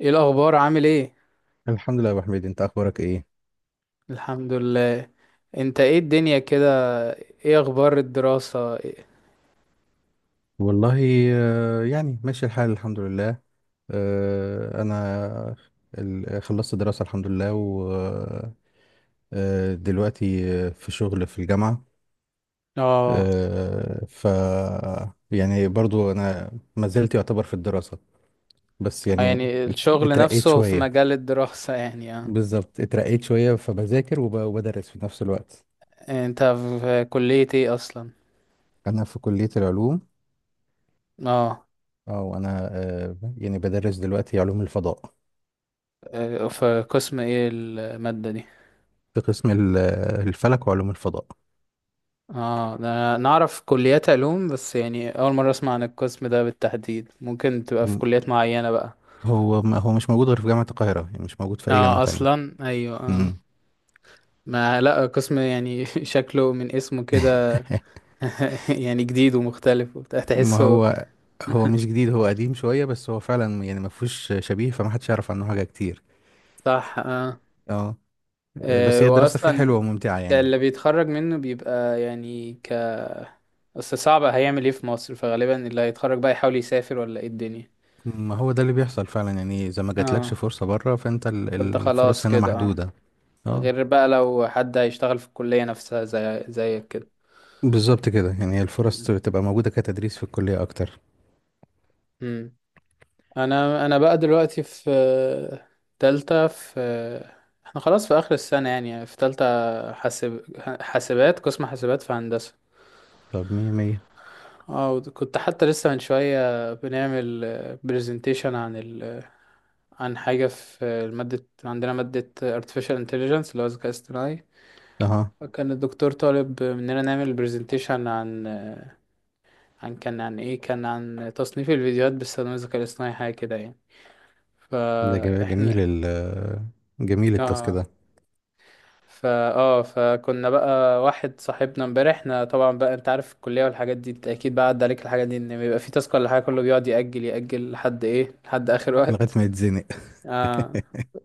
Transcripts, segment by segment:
ايه الاخبار؟ عامل ايه؟ الحمد لله يا ابو حميد، انت اخبارك ايه؟ الحمد لله. انت ايه الدنيا كده؟ ايه اخبار الدراسة والله يعني ماشي الحال الحمد لله. انا خلصت دراسة الحمد لله، ودلوقتي في شغل في الجامعة. اه آه، ف يعني برضو انا ما زلت يعتبر في الدراسة، بس يعني يعني الشغل اترقيت نفسه في شوية. مجال الدراسة يعني اه. بالظبط اترقيت شوية، فبذاكر وب- وبدرس في نفس الوقت. انت في كلية ايه اصلا؟ انا في كلية العلوم. اه. او انا يعني بدرس دلوقتي علوم الفضاء. في قسم ايه المادة دي؟ في قسم الفلك وعلوم الفضاء. اه، ده أنا نعرف كليات علوم، بس يعني اول مرة اسمع عن القسم ده بالتحديد، ممكن تبقى في م- كليات معينة بقى. هو ما هو مش موجود غير في جامعة القاهرة، يعني مش موجود في أي جامعة اه، تانية. اصلا ايوه اه. مم. ما لا قسم يعني شكله من اسمه كده. يعني جديد ومختلف وبتاع، ما تحسه. هو هو مش جديد، هو قديم شوية، بس هو فعلا يعني ما فيهوش شبيه، فما حدش يعرف عنه حاجة كتير. صح اه. اه. بس هي الدراسة فيه واصلا حلوة وممتعة يعني. اللي بيتخرج منه بيبقى يعني اصل صعب، هيعمل ايه في مصر؟ فغالبا اللي هيتخرج بقى يحاول يسافر ولا ايه الدنيا. ما هو ده اللي بيحصل فعلا، يعني إذا ما جاتلكش اه، فرصة بره فأنت فانت خلاص الفرص هنا كده اه، محدودة. اه. غير بقى لو حد هيشتغل في الكلية نفسها زي زيك كده. بالظبط كده، يعني هي الفرص مم. تبقى موجودة كتدريس في الكلية أكتر. مم. انا بقى دلوقتي في تالتة، في احنا خلاص في اخر السنة يعني، في تالتة. حاسب حاسبات، قسم حاسبات في هندسة. طب مية مية. اه، كنت حتى لسه من شوية بنعمل برزنتيشن عن حاجة في المادة، عندنا مادة artificial intelligence اللي هو الذكاء الاصطناعي. أها. كان الدكتور طالب مننا نعمل برزنتيشن عن عن كان عن ايه كان عن تصنيف الفيديوهات باستخدام الذكاء الاصطناعي، حاجة كده يعني. ده جم- جميل فاحنا ال جميل التاسك ده. اه فا اه فكنا بقى، واحد صاحبنا امبارح، احنا طبعا بقى انت عارف الكلية والحاجات دي، انت اكيد بقى عدى عليك الحاجات دي، ان بيبقى في تاسك ولا حاجة كله بيقعد يأجل لحد ايه، لحد اخر لغاية وقت. ما يتزنق. آه.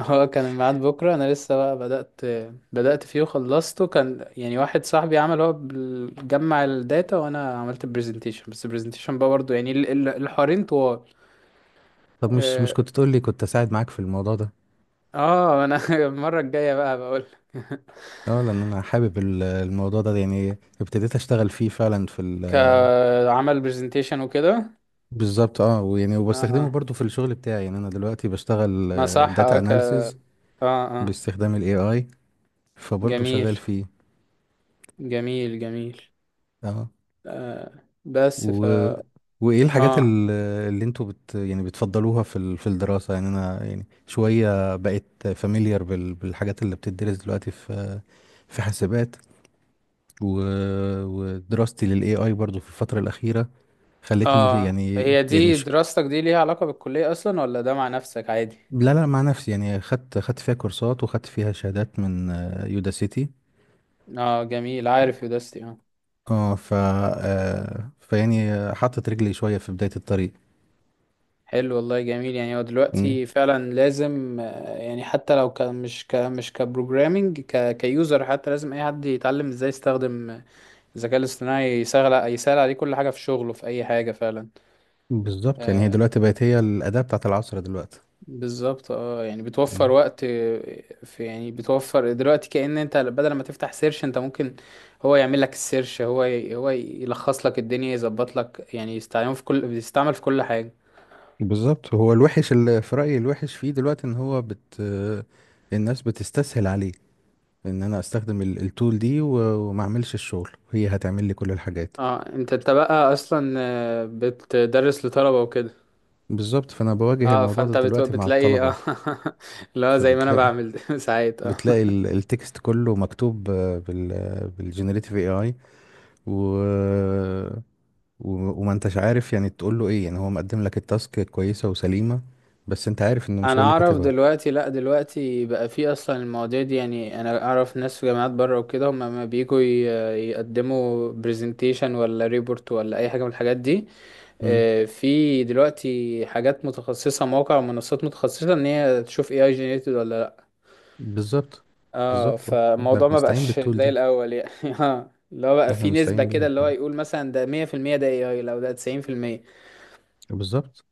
هو كان الميعاد بكرة، أنا لسه بقى بدأت فيه وخلصته، كان يعني واحد صاحبي عمل هو جمع الداتا، وأنا عملت البرزنتيشن. بس البرزنتيشن بقى برضه يعني الحوارين طوال. طب مش اه. كنت تقول لي، كنت اساعد معاك في الموضوع ده. أنا المرة الجاية بقى بقول. اه، لان انا حابب الموضوع ده يعني، ابتديت اشتغل فيه فعلا في ال... كعمل برزنتيشن وكده. بالظبط اه، ويعني اه وبستخدمه اه. برضو في الشغل بتاعي، يعني انا دلوقتي بشتغل ما صح اه داتا ك اه اناليسز اه. باستخدام الاي اي، فبرضو جميل شغال فيه. جميل جميل. اه. آه. بس ف و وايه الحاجات اه ال- اللي انتوا بت يعني بتفضلوها في ال... في الدراسة؟ يعني انا يعني شوية بقيت فاميليار بال... بالحاجات اللي بتدرس دلوقتي في في حاسبات، و... ودراستي للاي اي برضو في الفتره الاخيره خلتني اه. يعني هي يعني دي ش... دراستك دي ليها علاقة بالكلية اصلا، ولا ده مع نفسك عادي؟ لا لا، مع نفسي، يعني خدت خدت فيها كورسات وخدت فيها شهادات من يودا سيتي. اه، جميل، عارف يوداستي اه. اه ف آه، فيعني حطت رجلي شويه في بدايه الطريق. حلو والله، جميل. يعني هو مم. دلوقتي فعلا لازم يعني حتى لو ك مش ك مش كبروجرامينج، ك كيوزر حتى، لازم اي حد يتعلم ازاي يستخدم الذكاء الاصطناعي، يسهل، يسهل عليه كل حاجة في شغله، في اي حاجة فعلا. بالظبط، يعني هي آه، دلوقتي بقت هي الاداه بتاعت العصر دلوقتي. بالظبط اه، يعني بتوفر مم. وقت يعني بتوفر دلوقتي، كأن انت بدل ما تفتح سيرش، انت ممكن هو يعمل لك السيرش، هو يلخص لك الدنيا، يظبط لك، يعني يستعمل في كل بيستعمل في كل حاجة. بالظبط، هو الوحش اللي في رايي الوحش فيه دلوقتي ان هو بت آه، الناس بتستسهل عليه، ان انا استخدم التول دي و وما اعملش الشغل هي هتعمل لي كل الحاجات. اه. انت بقى اصلا بتدرس لطلبة وكده. بالظبط، فانا بواجه اه، الموضوع ده دلوقتي مع بتلاقي الطلبه. اه لا زي ما انا فبتلاقي بعمل ساعات اه. بتلاقي التكست كله مكتوب بال بالجنريتيف اي اي، و... و وما انتش عارف يعني تقول له ايه، يعني هو مقدم لك التاسك كويسه وسليمه، بس انت عارف انه مش انا هو اللي اعرف كاتبها. دلوقتي، لا دلوقتي بقى في اصلا المواضيع دي، يعني انا اعرف ناس في جامعات بره وكده، هم لما بييجوا يقدموا برزنتيشن ولا ريبورت ولا اي حاجه من الحاجات دي، مم. في دلوقتي حاجات متخصصه، مواقع ومنصات متخصصه، ان هي تشوف اي اي جينيريتد ولا لا. بالظبط. اه، بالظبط اه. احنا فالموضوع ما بنستعين بقاش بالتول زي دي، الاول يعني اه، اللي هو بقى احنا في نسبه بنستعين كده، بيها اللي هو فعلا. يقول مثلا ده 100% ده اي اي، لو ده 90% بالظبط،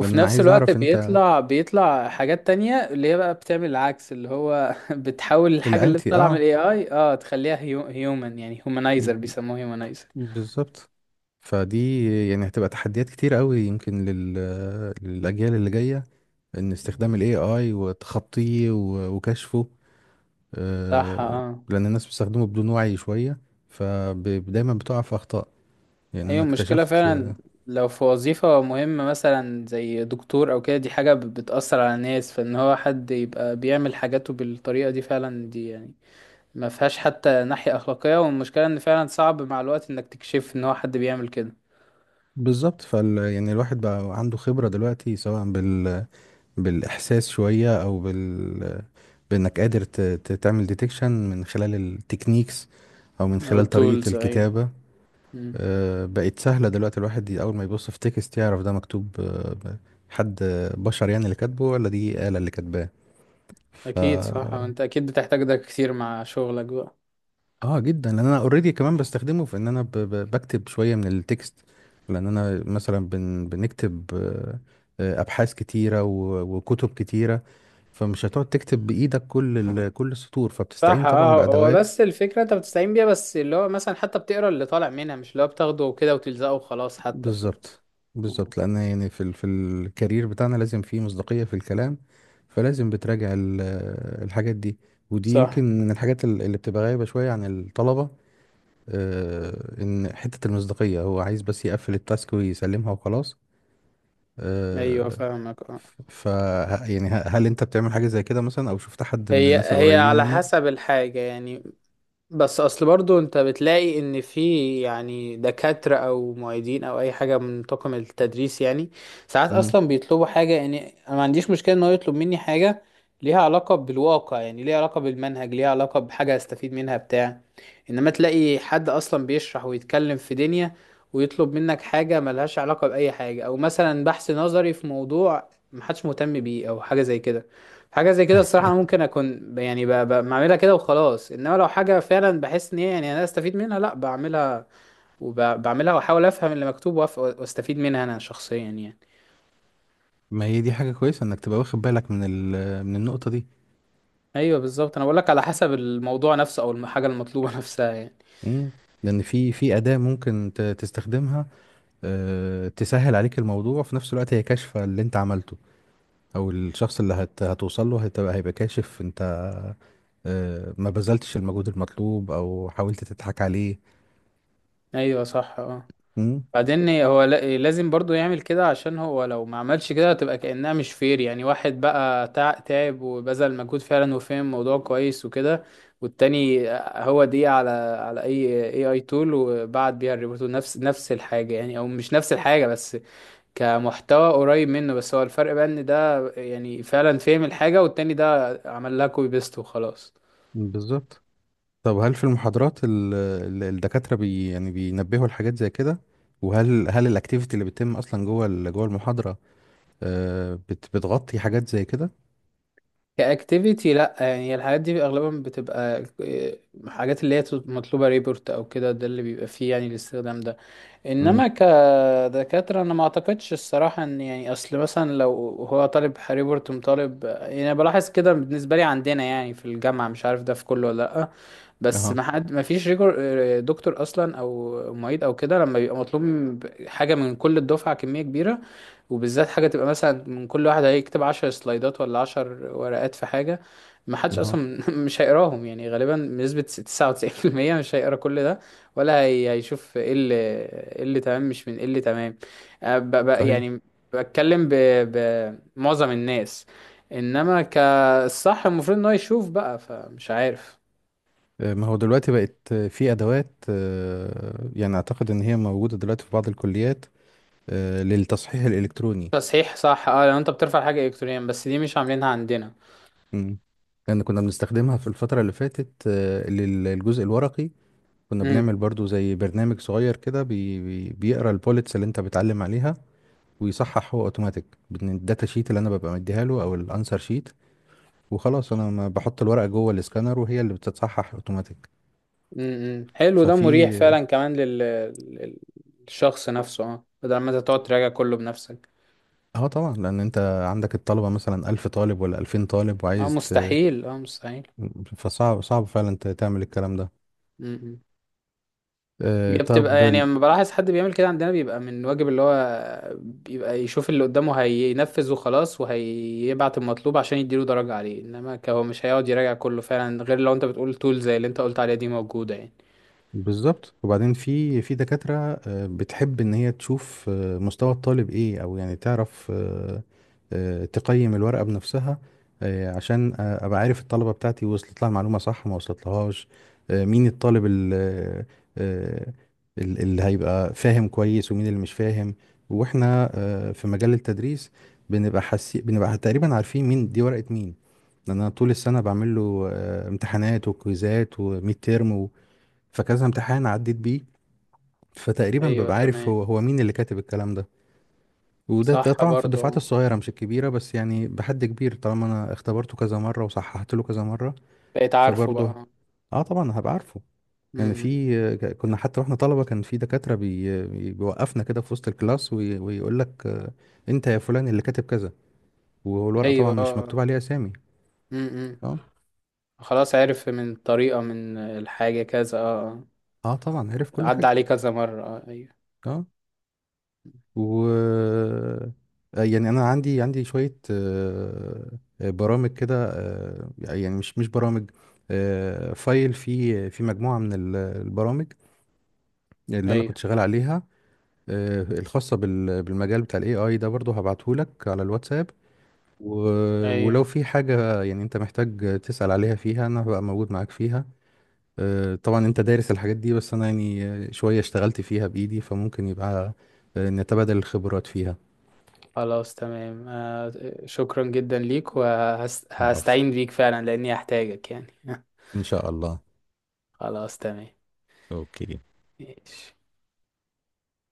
لان انا نفس عايز الوقت اعرف انت بيطلع حاجات تانية، اللي هي بقى بتعمل العكس، اللي هو بتحاول الحاجة اللي الانتي طالعة من اه. الاي اي اه تخليها هيومن، يعني هيومنايزر، بيسموه هيومنايزر. بالظبط فدي يعني هتبقى تحديات كتير قوي يمكن لل... للأجيال اللي جاية، إن استخدام ال AI وتخطيه و وكشفه. صح آه، اه. لأن الناس بتستخدمه بدون وعي شوية، فدايما بتقع في أخطاء، يعني هي أنا المشكلة اكتشفت. فعلا، لو في وظيفة مهمة مثلا زي دكتور او كده، دي حاجة بتأثر على الناس، فان هو حد يبقى بيعمل حاجاته بالطريقة دي فعلا دي، يعني ما فيهاش حتى ناحية أخلاقية. والمشكلة ان فعلا صعب مع الوقت انك تكشف ان هو حد بيعمل كده. بالظبط فال يعني الواحد بقى عنده خبرة دلوقتي سواء بال... بالإحساس شوية أو بال بإنك قادر تعمل ديتكشن من خلال التكنيكس أو من او خلال طريقة التولز ايوه. الكتابة. بقت سهلة دلوقتي، الواحد أول ما يبص في تكست يعرف ده مكتوب حد بشر يعني اللي كاتبه، ولا دي آلة اللي كاتباه. ف اكيد صح، انت اكيد بتحتاج ده كتير مع شغلك بقى. اه جدا، لأن أنا اوريدي كمان بستخدمه في إن أنا بكتب شوية من التكست. لأن أنا مثلا بنكتب أبحاث كتيرة و... وكتب كتيرة، فمش هتقعد تكتب بإيدك كل كل السطور، صح فبتستعين طبعا اه. هو بأدوات. بس الفكرة انت بتستعين بيها، بس اللي هو مثلا حتى بتقرا اللي طالع منها، مش اللي هو بتاخده كده وتلزقه وخلاص حتى بالظبط. آه. بالظبط، لان يعني في في الكارير بتاعنا لازم فيه مصداقية في الكلام، فلازم بتراجع الحاجات دي. ودي صح. يمكن من الحاجات اللي بتبقى غايبة شوية عن الطلبة. ان حتة المصداقية هو عايز بس يقفل التاسك ويسلمها وخلاص. ايوه آه، فاهمك اه. يعني هل انت بتعمل حاجة زي كده مثلا، او شفت حد من هي الناس هي القريبين على منك؟ حسب الحاجة يعني، بس اصل برضو انت بتلاقي ان في يعني دكاترة او معيدين او اي حاجة من طاقم التدريس يعني، ساعات مم. اصلا بيطلبوا حاجة، يعني انا ما عنديش مشكلة ان هو يطلب مني حاجة ليها علاقة بالواقع، يعني ليها علاقة بالمنهج، ليها علاقة بحاجة استفيد منها بتاع. انما تلاقي حد اصلا بيشرح ويتكلم في دنيا ويطلب منك حاجة ملهاش علاقة بأي حاجة، او مثلا بحث نظري في موضوع محدش مهتم بيه او حاجة زي كده، حاجه زي كده الصراحه انا ممكن اكون بعملها كده وخلاص. انما لو حاجه فعلا بحس ان هي يعني انا استفيد منها، لا بعملها، وبعملها واحاول افهم اللي مكتوب واستفيد منها انا شخصيا يعني. ما هي دي حاجة كويسة انك تبقى واخد بالك من من النقطة دي. ايوه بالظبط، انا بقولك على حسب الموضوع نفسه او الحاجه المطلوبه نفسها يعني. مم. لان في أداة ممكن تستخدمها، تسهل عليك الموضوع، وفي نفس الوقت هي كاشفة اللي انت عملته. او الشخص اللي هتوصل له هتبقى هيبقى كاشف انت ما بذلتش المجهود المطلوب او حاولت تضحك عليه. ايوه صح اه. مم، بعدين هو لازم برضو يعمل كده، عشان هو لو ما عملش كده هتبقى كأنها مش فير، يعني واحد بقى تعب وبذل مجهود فعلا وفهم الموضوع كويس وكده، والتاني هو دي على على اي اي اي تول وبعت بيها الريبورت، نفس نفس الحاجة يعني، او مش نفس الحاجة بس كمحتوى قريب منه. بس هو الفرق بقى ان ده يعني فعلا فهم الحاجة، والتاني ده عمل لها كوبي بيست وخلاص. بالظبط. طب هل في المحاضرات الدكاترة يعني بينبهوا الحاجات زي كده؟ وهل الاكتيفيتي اللي بتتم اصلا جوه جوه المحاضرة بتغطي حاجات زي كده؟ كاكتيفيتي لا، يعني الحاجات دي اغلبا بتبقى حاجات اللي هي مطلوبه ريبورت او كده، ده اللي بيبقى فيه يعني الاستخدام ده. امم. انما كدكاتره انا ما اعتقدش الصراحه، ان يعني اصل مثلا لو هو طالب ريبورت مطالب، يعني أنا بلاحظ كده بالنسبه لي عندنا يعني في الجامعه، مش عارف ده في كله ولا لا، بس اها. ما حد ما فيش ريجور دكتور اصلا او معيد او كده، لما بيبقى مطلوب حاجه من كل الدفعه كميه كبيره، وبالذات حاجة تبقى مثلا من كل واحد هيكتب عشر سلايدات ولا عشر ورقات في حاجة، ما حدش اها. أصلا مش هيقراهم يعني، غالبا بنسبة تسعة وتسعين في المية مش هيقرا كل ده، ولا هي هيشوف ايه اللي، ايه اللي تمام مش من ايه اللي تمام، صحيح. يعني بتكلم بمعظم الناس، انما كالصح المفروض ان هو يشوف بقى، فمش عارف. ما هو دلوقتي بقت في أدوات، يعني أعتقد إن هي موجودة دلوقتي في بعض الكليات، للتصحيح الإلكتروني. تصحيح صح اه، لو انت بترفع حاجة الكترونيا، بس دي مش عاملينها عندنا. مم. لأن كنا بنستخدمها في الفترة اللي فاتت للجزء الورقي. كنا بنعمل برضو زي برنامج صغير كده بي بي بيقرأ البوليتس اللي أنت بتعلم عليها، ويصحح هو أوتوماتيك من الداتا شيت اللي أنا ببقى مديها له أو الأنسر شيت. وخلاص أنا ما بحط الورقة جوه الإسكانر وهي اللي بتتصحح أوتوماتيك. امم، حلو، ده مريح ففي فعلا، كمان للشخص نفسه اه، بدل ما انت تقعد تراجع كله بنفسك. اه طبعا، لان انت عندك الطلبه مثلا ألف طالب ولا ألفين طالب اه وعايز ت... مستحيل، اه مستحيل. فصعب صعب فعلا تعمل الكلام ده. امم. هي بتبقى طب يعني لما بلاحظ حد بيعمل كده عندنا، بيبقى من واجب اللي هو بيبقى يشوف اللي قدامه هينفذ وخلاص، وهيبعت المطلوب عشان يديله درجة عليه. انما هو مش هيقعد يراجع كله فعلا، غير لو انت بتقول تول زي اللي انت قلت عليها دي موجودة يعني. بالظبط. وبعدين في دكاترة بتحب ان هي تشوف مستوى الطالب ايه، او يعني تعرف تقيم الورقة بنفسها، عشان ابقى عارف الطلبة بتاعتي وصلت لها المعلومة صح ما وصلتلهاش، مين الطالب آه، اللي هيبقى فاهم كويس ومين اللي مش فاهم. واحنا في مجال التدريس بنبقى تقريبا عارفين مين دي ورقة مين. لأن انا طول السنة بعمل له امتحانات وكويزات وميد تيرم، فكذا امتحان عديت بيه، فتقريبا ايوه ببقى عارف تمام. هو مين اللي كاتب الكلام ده. وده صح طبعا في الدفعات برضه، الصغيرة مش الكبيرة، بس يعني بحد كبير طالما انا اختبرته كذا مرة وصححت له كذا مرة. بقيت عارفه فبرضه بقى. اه طبعا هبقى عارفه. يعني امم. في كنا حتى واحنا طلبة كان في دكاترة بيوقفنا كده في وسط الكلاس وي- ويقول لك انت يا فلان اللي كاتب كذا، والورقة طبعا ايوه مش اه. مكتوب عليها اسامي. امم. اه. خلاص عرف من الطريقة، من الحاجة كذا اه. اه طبعا عرف آه. كل عدى حاجة. عليه كذا مرة اه ايوه. اه و يعني انا عندي عندي شويه برامج كده، يعني مش برامج، فايل في مجموعه من البرامج اللي انا ايوه. كنت شغال عليها، الخاصه بالمجال بتاع الاي اي ده، برضو هبعتهولك على الواتساب. و ولو ايوه. في حاجه يعني انت محتاج تسال عليها فيها انا هبقى موجود معاك فيها. طبعا انت دارس الحاجات دي، بس انا يعني شويه اشتغلت فيها بايدي، فممكن يبقى نتبادل الخبرات فيها. خلاص تمام. آه. شكرا جدا ليك، العفو. وهستعين بيك فعلا لاني هحتاجك يعني. إن شاء الله. خلاص تمام. أوكي. ماشي.